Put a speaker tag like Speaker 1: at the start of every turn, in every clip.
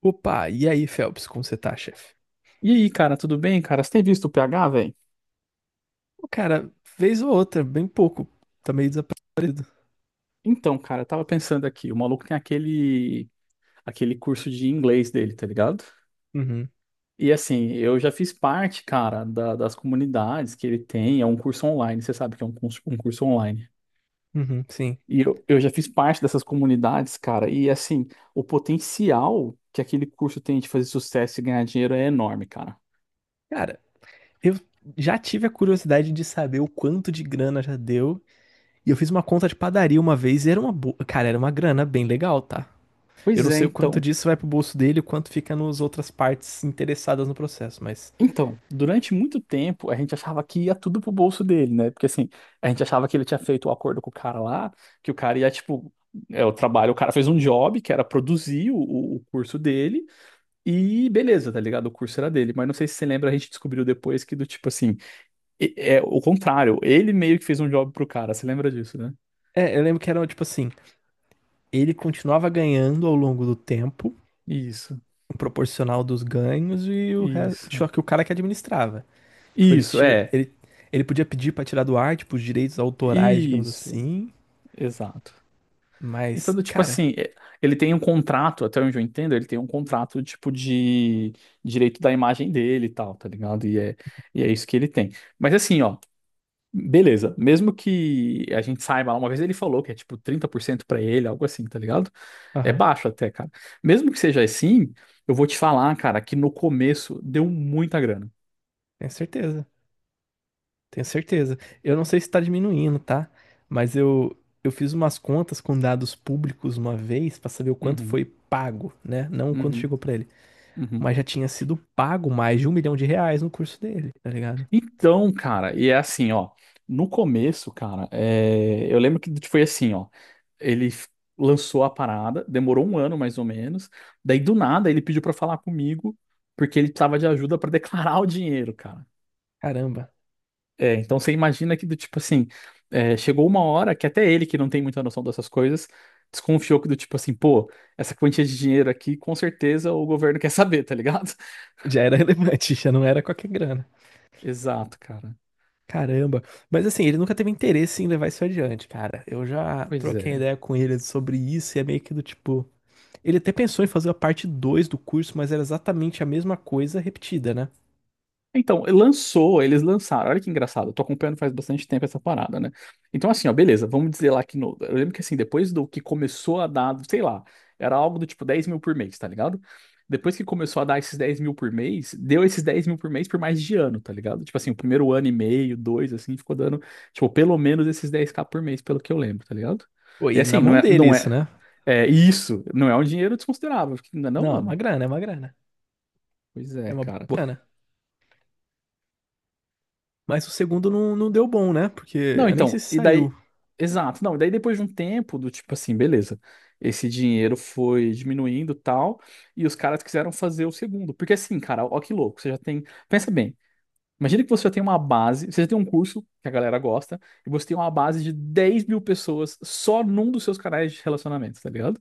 Speaker 1: Opa, e aí, Phelps, como você tá, chefe?
Speaker 2: E aí, cara, tudo bem, cara? Você tem visto o PH, velho?
Speaker 1: O cara, vez ou outra, bem pouco. Tá meio desaparecido.
Speaker 2: Então, cara, eu tava pensando aqui, o maluco tem aquele curso de inglês dele, tá ligado?
Speaker 1: Uhum,
Speaker 2: E assim, eu já fiz parte, cara, das comunidades que ele tem, é um curso online, você sabe que é um curso online.
Speaker 1: uhum, sim.
Speaker 2: E eu já fiz parte dessas comunidades, cara, e assim, o potencial que aquele curso tem de fazer sucesso e ganhar dinheiro é enorme, cara.
Speaker 1: Cara, eu já tive a curiosidade de saber o quanto de grana já deu. E eu fiz uma conta de padaria uma vez e era uma boa. Cara, era uma grana bem legal, tá? Eu
Speaker 2: Pois
Speaker 1: não
Speaker 2: é,
Speaker 1: sei o quanto
Speaker 2: então.
Speaker 1: disso vai pro bolso dele e o quanto fica nas outras partes interessadas no processo, mas.
Speaker 2: Então, durante muito tempo, a gente achava que ia tudo pro bolso dele, né? Porque assim, a gente achava que ele tinha feito o acordo com o cara lá, que o cara ia, tipo, é o trabalho, o cara fez um job, que era produzir o curso dele, e beleza, tá ligado? O curso era dele. Mas não sei se você lembra, a gente descobriu depois que do tipo assim, é o contrário, ele meio que fez um job pro cara, você lembra disso, né?
Speaker 1: É, eu lembro que era tipo assim: ele continuava ganhando ao longo do tempo,
Speaker 2: Isso,
Speaker 1: um proporcional dos ganhos e o resto.
Speaker 2: isso,
Speaker 1: Só que o cara que administrava. Tipo,
Speaker 2: isso, é,
Speaker 1: ele podia pedir pra tirar do ar, tipo, os direitos autorais, digamos
Speaker 2: isso,
Speaker 1: assim.
Speaker 2: exato. Então,
Speaker 1: Mas,
Speaker 2: do tipo
Speaker 1: cara,
Speaker 2: assim, ele tem um contrato, até onde eu entendo, ele tem um contrato, tipo, de direito da imagem dele e tal, tá ligado? E é isso que ele tem. Mas assim, ó, beleza, mesmo que a gente saiba lá, uma vez ele falou que é tipo 30% pra ele, algo assim, tá ligado? É
Speaker 1: aham,
Speaker 2: baixo até, cara. Mesmo que seja assim, eu vou te falar, cara, que no começo deu muita grana.
Speaker 1: tenho certeza. Tenho certeza. Eu não sei se tá diminuindo, tá? Mas eu, eu fiz umas contas com dados públicos uma vez pra saber o quanto
Speaker 2: Uhum,
Speaker 1: foi pago, né? Não o quanto
Speaker 2: uhum,
Speaker 1: chegou pra ele.
Speaker 2: uhum.
Speaker 1: Mas já tinha sido pago mais de R$ 1.000.000 no curso dele, tá ligado?
Speaker 2: Então, cara, e é assim, ó. No começo, cara, eu lembro que foi assim, ó. Ele lançou a parada, demorou um ano mais ou menos. Daí do nada ele pediu pra falar comigo porque ele precisava de ajuda pra declarar o dinheiro, cara.
Speaker 1: Caramba.
Speaker 2: É, então você imagina que do tipo assim, chegou uma hora que até ele que não tem muita noção dessas coisas desconfiou que do tipo assim, pô, essa quantia de dinheiro aqui com certeza o governo quer saber, tá ligado?
Speaker 1: Já era relevante, já não era qualquer grana.
Speaker 2: Exato, cara.
Speaker 1: Caramba. Mas assim, ele nunca teve interesse em levar isso adiante, cara. Eu já
Speaker 2: Pois
Speaker 1: troquei
Speaker 2: é.
Speaker 1: ideia com ele sobre isso e é meio que do tipo. Ele até pensou em fazer a parte 2 do curso, mas era exatamente a mesma coisa repetida, né?
Speaker 2: Então, lançou, eles lançaram. Olha que engraçado, eu tô acompanhando faz bastante tempo essa parada, né? Então, assim, ó, beleza, vamos dizer lá que no. Eu lembro que assim, depois do que começou a dar, sei lá, era algo do tipo 10 mil por mês, tá ligado? Depois que começou a dar esses 10 mil por mês, deu esses 10 mil por mês por mais de ano, tá ligado? Tipo assim, o primeiro ano e meio, dois, assim, ficou dando, tipo, pelo menos esses 10K por mês, pelo que eu lembro, tá ligado?
Speaker 1: Pô,
Speaker 2: E
Speaker 1: e na
Speaker 2: assim, não
Speaker 1: mão
Speaker 2: é,
Speaker 1: dele
Speaker 2: não
Speaker 1: isso,
Speaker 2: é,
Speaker 1: né?
Speaker 2: é isso, não é um dinheiro desconsiderável, não é não,
Speaker 1: Não, é uma
Speaker 2: mano?
Speaker 1: grana, é uma grana.
Speaker 2: Pois
Speaker 1: É
Speaker 2: é,
Speaker 1: uma
Speaker 2: cara.
Speaker 1: boa grana. Mas o segundo não, não deu bom, né? Porque
Speaker 2: Não,
Speaker 1: eu nem sei
Speaker 2: então,
Speaker 1: se
Speaker 2: e
Speaker 1: saiu.
Speaker 2: daí. Exato, não, e daí depois de um tempo do tipo assim, beleza, esse dinheiro foi diminuindo e tal, e os caras quiseram fazer o segundo. Porque assim, cara, ó que louco, você já tem. Pensa bem, imagina que você já tem uma base, você já tem um curso que a galera gosta, e você tem uma base de 10 mil pessoas só num dos seus canais de relacionamento, tá ligado?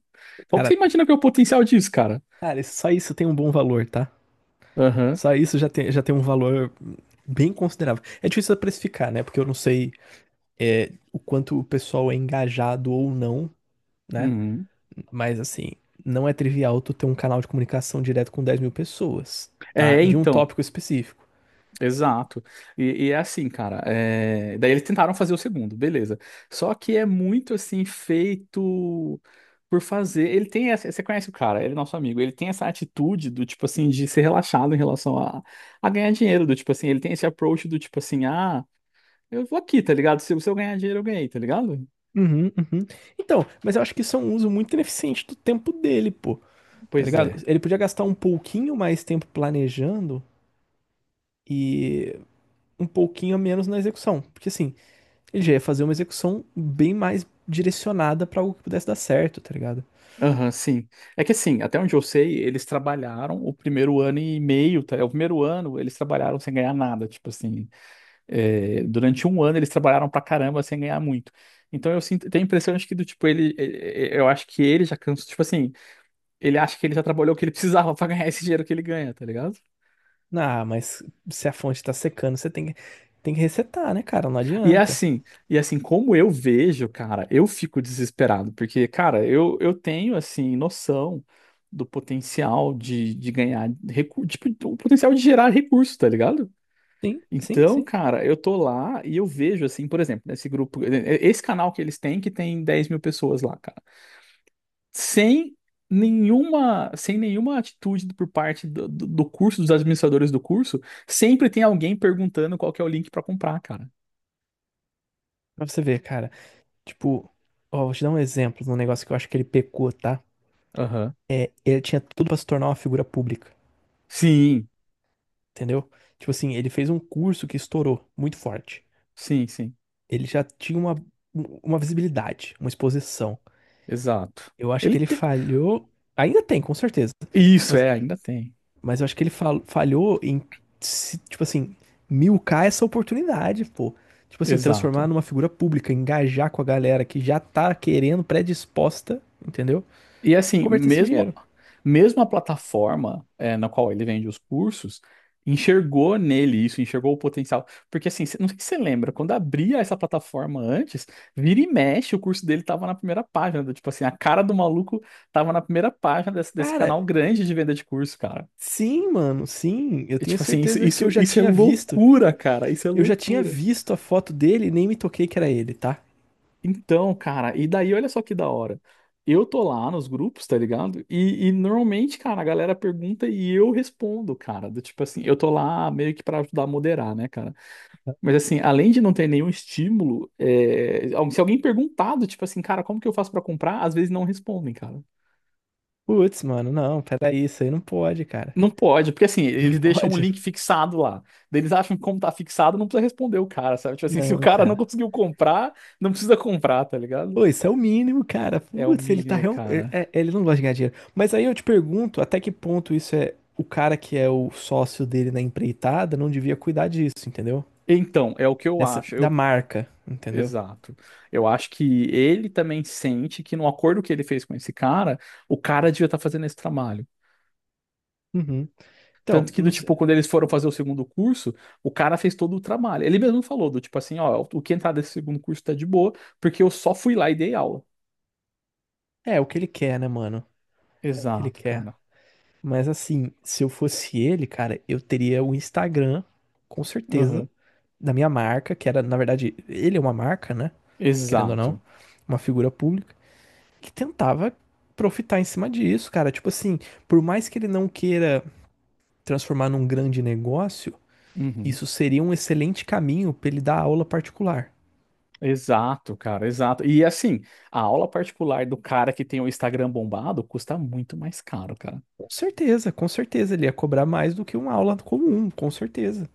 Speaker 2: Qual que você
Speaker 1: Cara,
Speaker 2: imagina que é o potencial disso, cara?
Speaker 1: cara, só isso tem um bom valor, tá?
Speaker 2: Aham.
Speaker 1: Só isso já tem um valor bem considerável. É difícil precificar, né? Porque eu não sei é, o quanto o pessoal é engajado ou não, né?
Speaker 2: Uhum.
Speaker 1: Mas assim, não é trivial tu ter um canal de comunicação direto com 10.000 pessoas, tá?
Speaker 2: É,
Speaker 1: De um
Speaker 2: então.
Speaker 1: tópico específico.
Speaker 2: Exato. E é assim, cara. Daí eles tentaram fazer o segundo, beleza. Só que é muito assim, feito por fazer. Ele tem essa. Você conhece o cara, ele é nosso amigo. Ele tem essa atitude do tipo assim, de ser relaxado em relação a ganhar dinheiro. Do tipo assim, ele tem esse approach do tipo assim, ah, eu vou aqui, tá ligado? Se eu ganhar dinheiro, eu ganhei, tá ligado?
Speaker 1: Uhum, uhum. Então, mas eu acho que isso é um uso muito ineficiente do tempo dele, pô. Tá
Speaker 2: Pois
Speaker 1: ligado?
Speaker 2: é.
Speaker 1: Ele podia gastar um pouquinho mais tempo planejando e um pouquinho a menos na execução. Porque assim, ele já ia fazer uma execução bem mais direcionada pra algo que pudesse dar certo, tá ligado?
Speaker 2: Aham, sim. É que assim, até onde eu sei, eles trabalharam o primeiro ano e meio, tá? O primeiro ano eles trabalharam sem ganhar nada, tipo assim. É, durante um ano eles trabalharam pra caramba sem ganhar muito. Então eu sinto, tenho a impressão de que do tipo ele, eu acho que ele já cansou, tipo assim, ele acha que ele já trabalhou o que ele precisava pra ganhar esse dinheiro que ele ganha, tá ligado?
Speaker 1: Ah, mas se a fonte tá secando, você tem que resetar, né, cara? Não
Speaker 2: E é
Speaker 1: adianta.
Speaker 2: assim, como eu vejo, cara, eu fico desesperado porque, cara, eu tenho assim noção do potencial de ganhar recurso, tipo, o potencial de gerar recurso, tá ligado?
Speaker 1: Sim, sim,
Speaker 2: Então,
Speaker 1: sim.
Speaker 2: cara, eu tô lá e eu vejo, assim, por exemplo, nesse grupo, esse canal que eles têm, que tem 10 mil pessoas lá, cara. sem sem nenhuma atitude por parte do curso, dos administradores do curso, sempre tem alguém perguntando qual que é o link para comprar, cara.
Speaker 1: Pra você ver, cara. Tipo, ó, vou te dar um exemplo de um negócio que eu acho que ele pecou, tá?
Speaker 2: Aham.
Speaker 1: É, ele tinha tudo pra se tornar uma figura pública,
Speaker 2: Sim,
Speaker 1: entendeu? Tipo assim, ele fez um curso que estourou muito forte.
Speaker 2: sim, sim.
Speaker 1: Ele já tinha uma visibilidade, uma exposição.
Speaker 2: Exato.
Speaker 1: Eu acho que
Speaker 2: Ele
Speaker 1: ele
Speaker 2: tem.
Speaker 1: falhou. Ainda tem, com certeza.
Speaker 2: Isso,
Speaker 1: Mas,
Speaker 2: é, ainda tem.
Speaker 1: mas eu acho que ele falhou em, tipo assim, milcar essa oportunidade, pô. Tipo assim,
Speaker 2: Exato.
Speaker 1: transformar numa figura pública, engajar com a galera que já tá querendo, predisposta, entendeu?
Speaker 2: E assim,
Speaker 1: Converter isso em
Speaker 2: mesmo,
Speaker 1: dinheiro.
Speaker 2: mesmo a plataforma na qual ele vende os cursos enxergou nele isso, enxergou o potencial. Porque assim, não sei se você lembra, quando abria essa plataforma antes, vira e mexe, o curso dele tava na primeira página. Tipo assim, a cara do maluco tava na primeira página desse
Speaker 1: Cara,
Speaker 2: canal grande de venda de curso, cara.
Speaker 1: sim, mano, sim. Eu
Speaker 2: E,
Speaker 1: tenho
Speaker 2: tipo assim, isso,
Speaker 1: certeza que eu
Speaker 2: isso,
Speaker 1: já
Speaker 2: isso é
Speaker 1: tinha visto.
Speaker 2: loucura, cara. Isso é
Speaker 1: Eu já tinha
Speaker 2: loucura.
Speaker 1: visto a foto dele e nem me toquei que era ele, tá?
Speaker 2: Então, cara, e daí olha só que da hora. Eu tô lá nos grupos, tá ligado? E normalmente, cara, a galera pergunta e eu respondo, cara. Do tipo assim, eu tô lá meio que pra ajudar a moderar, né, cara? Mas assim, além de não ter nenhum estímulo, se alguém perguntado, tipo assim, cara, como que eu faço pra comprar? Às vezes não respondem, cara.
Speaker 1: Putz, mano, não, peraí, isso aí não pode, cara.
Speaker 2: Não pode, porque assim,
Speaker 1: Não
Speaker 2: eles deixam um
Speaker 1: pode.
Speaker 2: link fixado lá. Daí eles acham que como tá fixado, não precisa responder o cara, sabe? Tipo assim, se o
Speaker 1: Não,
Speaker 2: cara não
Speaker 1: cara.
Speaker 2: conseguiu comprar, não precisa comprar, tá ligado?
Speaker 1: Pô, isso é o mínimo, cara.
Speaker 2: É o
Speaker 1: Putz, ele tá
Speaker 2: mínimo,
Speaker 1: real...
Speaker 2: cara.
Speaker 1: ele não gosta de ganhar dinheiro. Mas aí eu te pergunto, até que ponto isso é o cara que é o sócio dele na empreitada não devia cuidar disso, entendeu?
Speaker 2: Então, é o que eu
Speaker 1: Dessa
Speaker 2: acho.
Speaker 1: da marca, entendeu?
Speaker 2: Exato. Eu acho que ele também sente que no acordo que ele fez com esse cara, o cara devia estar fazendo esse trabalho.
Speaker 1: Uhum. Então,
Speaker 2: Tanto que,
Speaker 1: não
Speaker 2: do
Speaker 1: sei.
Speaker 2: tipo, quando eles foram fazer o segundo curso, o cara fez todo o trabalho. Ele mesmo falou, do tipo assim, ó, o que entrar desse segundo curso tá de boa, porque eu só fui lá e dei aula.
Speaker 1: É o que ele quer, né, mano? É o que ele
Speaker 2: Exato,
Speaker 1: quer.
Speaker 2: cara.
Speaker 1: Mas assim, se eu fosse ele, cara, eu teria o Instagram, com certeza,
Speaker 2: Aham.
Speaker 1: da minha marca, que era, na verdade, ele é uma marca, né? Querendo ou não,
Speaker 2: Exato.
Speaker 1: uma figura pública, que tentava profitar em cima disso, cara. Tipo assim, por mais que ele não queira transformar num grande negócio,
Speaker 2: Uhum.
Speaker 1: isso seria um excelente caminho pra ele dar aula particular.
Speaker 2: Exato, cara, exato. E assim, a aula particular do cara que tem o Instagram bombado custa muito mais caro, cara.
Speaker 1: Com certeza, ele ia cobrar mais do que uma aula comum, com certeza.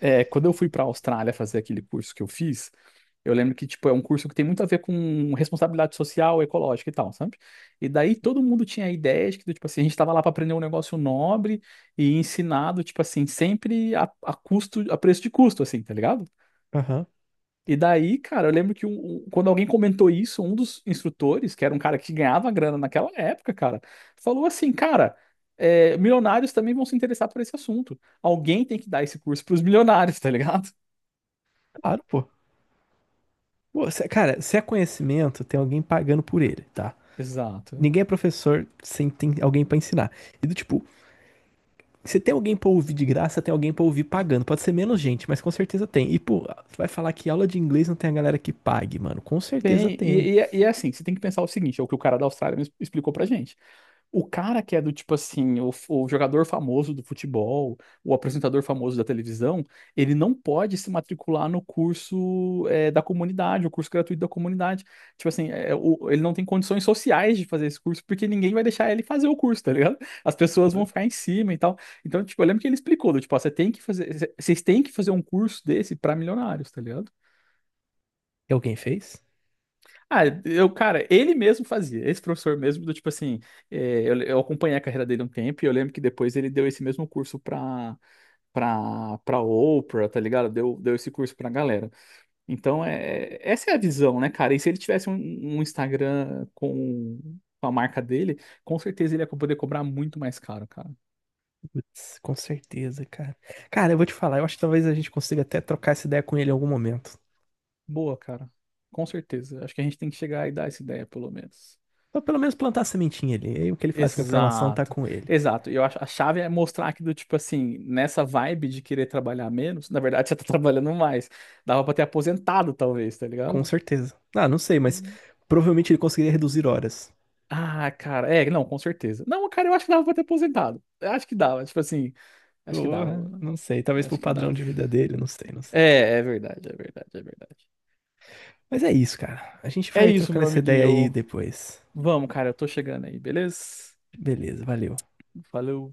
Speaker 2: É, quando eu fui para a Austrália fazer aquele curso que eu fiz, eu lembro que, tipo, é um curso que tem muito a ver com responsabilidade social, ecológica e tal, sabe? E daí todo mundo tinha a ideia de que, tipo assim, a gente estava lá para aprender um negócio nobre e ensinado, tipo assim, sempre a custo, a preço de custo, assim, tá ligado?
Speaker 1: Aham,
Speaker 2: E daí, cara, eu lembro que quando alguém comentou isso, um dos instrutores, que era um cara que ganhava grana naquela época, cara, falou assim, cara, milionários também vão se interessar por esse assunto. Alguém tem que dar esse curso para os milionários, tá ligado?
Speaker 1: claro, pô. Cara, se é conhecimento, tem alguém pagando por ele, tá?
Speaker 2: Exato.
Speaker 1: Ninguém é professor sem ter alguém pra ensinar. E do tipo, você tem alguém pra ouvir de graça, tem alguém pra ouvir pagando. Pode ser menos gente, mas com certeza tem. E, pô, você vai falar que aula de inglês não tem a galera que pague, mano. Com certeza
Speaker 2: Bem,
Speaker 1: tem.
Speaker 2: é assim, você tem que pensar o seguinte, é o que o cara da Austrália me explicou pra gente. O cara que é do tipo assim, o jogador famoso do futebol, o apresentador famoso da televisão, ele não pode se matricular no curso da comunidade, o curso gratuito da comunidade. Tipo assim, ele não tem condições sociais de fazer esse curso, porque ninguém vai deixar ele fazer o curso, tá ligado? As pessoas vão ficar
Speaker 1: Claro.
Speaker 2: em cima e tal. Então, tipo, eu lembro que ele explicou, do, tipo, ó, vocês têm que fazer um curso desse pra milionários, tá ligado?
Speaker 1: E alguém fez?
Speaker 2: Ah, cara, ele mesmo fazia, esse professor mesmo, do tipo assim, eu acompanhei a carreira dele um tempo e eu lembro que depois ele deu esse mesmo curso pra Oprah, tá ligado? Deu esse curso pra galera. Então, essa é a visão, né, cara? E se ele tivesse um Instagram com a marca dele, com certeza ele ia poder cobrar muito mais caro, cara.
Speaker 1: Com certeza, cara. Cara, eu vou te falar, eu acho que talvez a gente consiga até trocar essa ideia com ele em algum momento.
Speaker 2: Boa, cara. Com certeza. Acho que a gente tem que chegar e dar essa ideia, pelo menos.
Speaker 1: Ou pelo menos plantar a sementinha ali. E aí o que ele faz com a informação tá
Speaker 2: Exato,
Speaker 1: com ele.
Speaker 2: exato. E eu acho a chave é mostrar que do tipo assim, nessa vibe de querer trabalhar menos, na verdade você tá trabalhando mais. Dava pra ter aposentado, talvez, tá
Speaker 1: Com
Speaker 2: ligado?
Speaker 1: certeza. Ah, não sei, mas
Speaker 2: Com-
Speaker 1: provavelmente ele conseguiria reduzir horas.
Speaker 2: Ah, cara, não, com certeza. Não, cara, eu acho que dava pra ter aposentado. Eu acho que dava, tipo assim, acho que dava,
Speaker 1: Porra,
Speaker 2: mano.
Speaker 1: não sei. Talvez
Speaker 2: Eu
Speaker 1: pro
Speaker 2: acho que
Speaker 1: padrão
Speaker 2: dava.
Speaker 1: de vida dele, não sei, não sei.
Speaker 2: É, é verdade, é verdade, é verdade.
Speaker 1: Mas é isso, cara. A gente
Speaker 2: É
Speaker 1: vai
Speaker 2: isso,
Speaker 1: trocando
Speaker 2: meu
Speaker 1: essa
Speaker 2: amiguinho.
Speaker 1: ideia aí depois.
Speaker 2: Vamos, cara, eu tô chegando aí, beleza?
Speaker 1: Beleza, valeu.
Speaker 2: Valeu.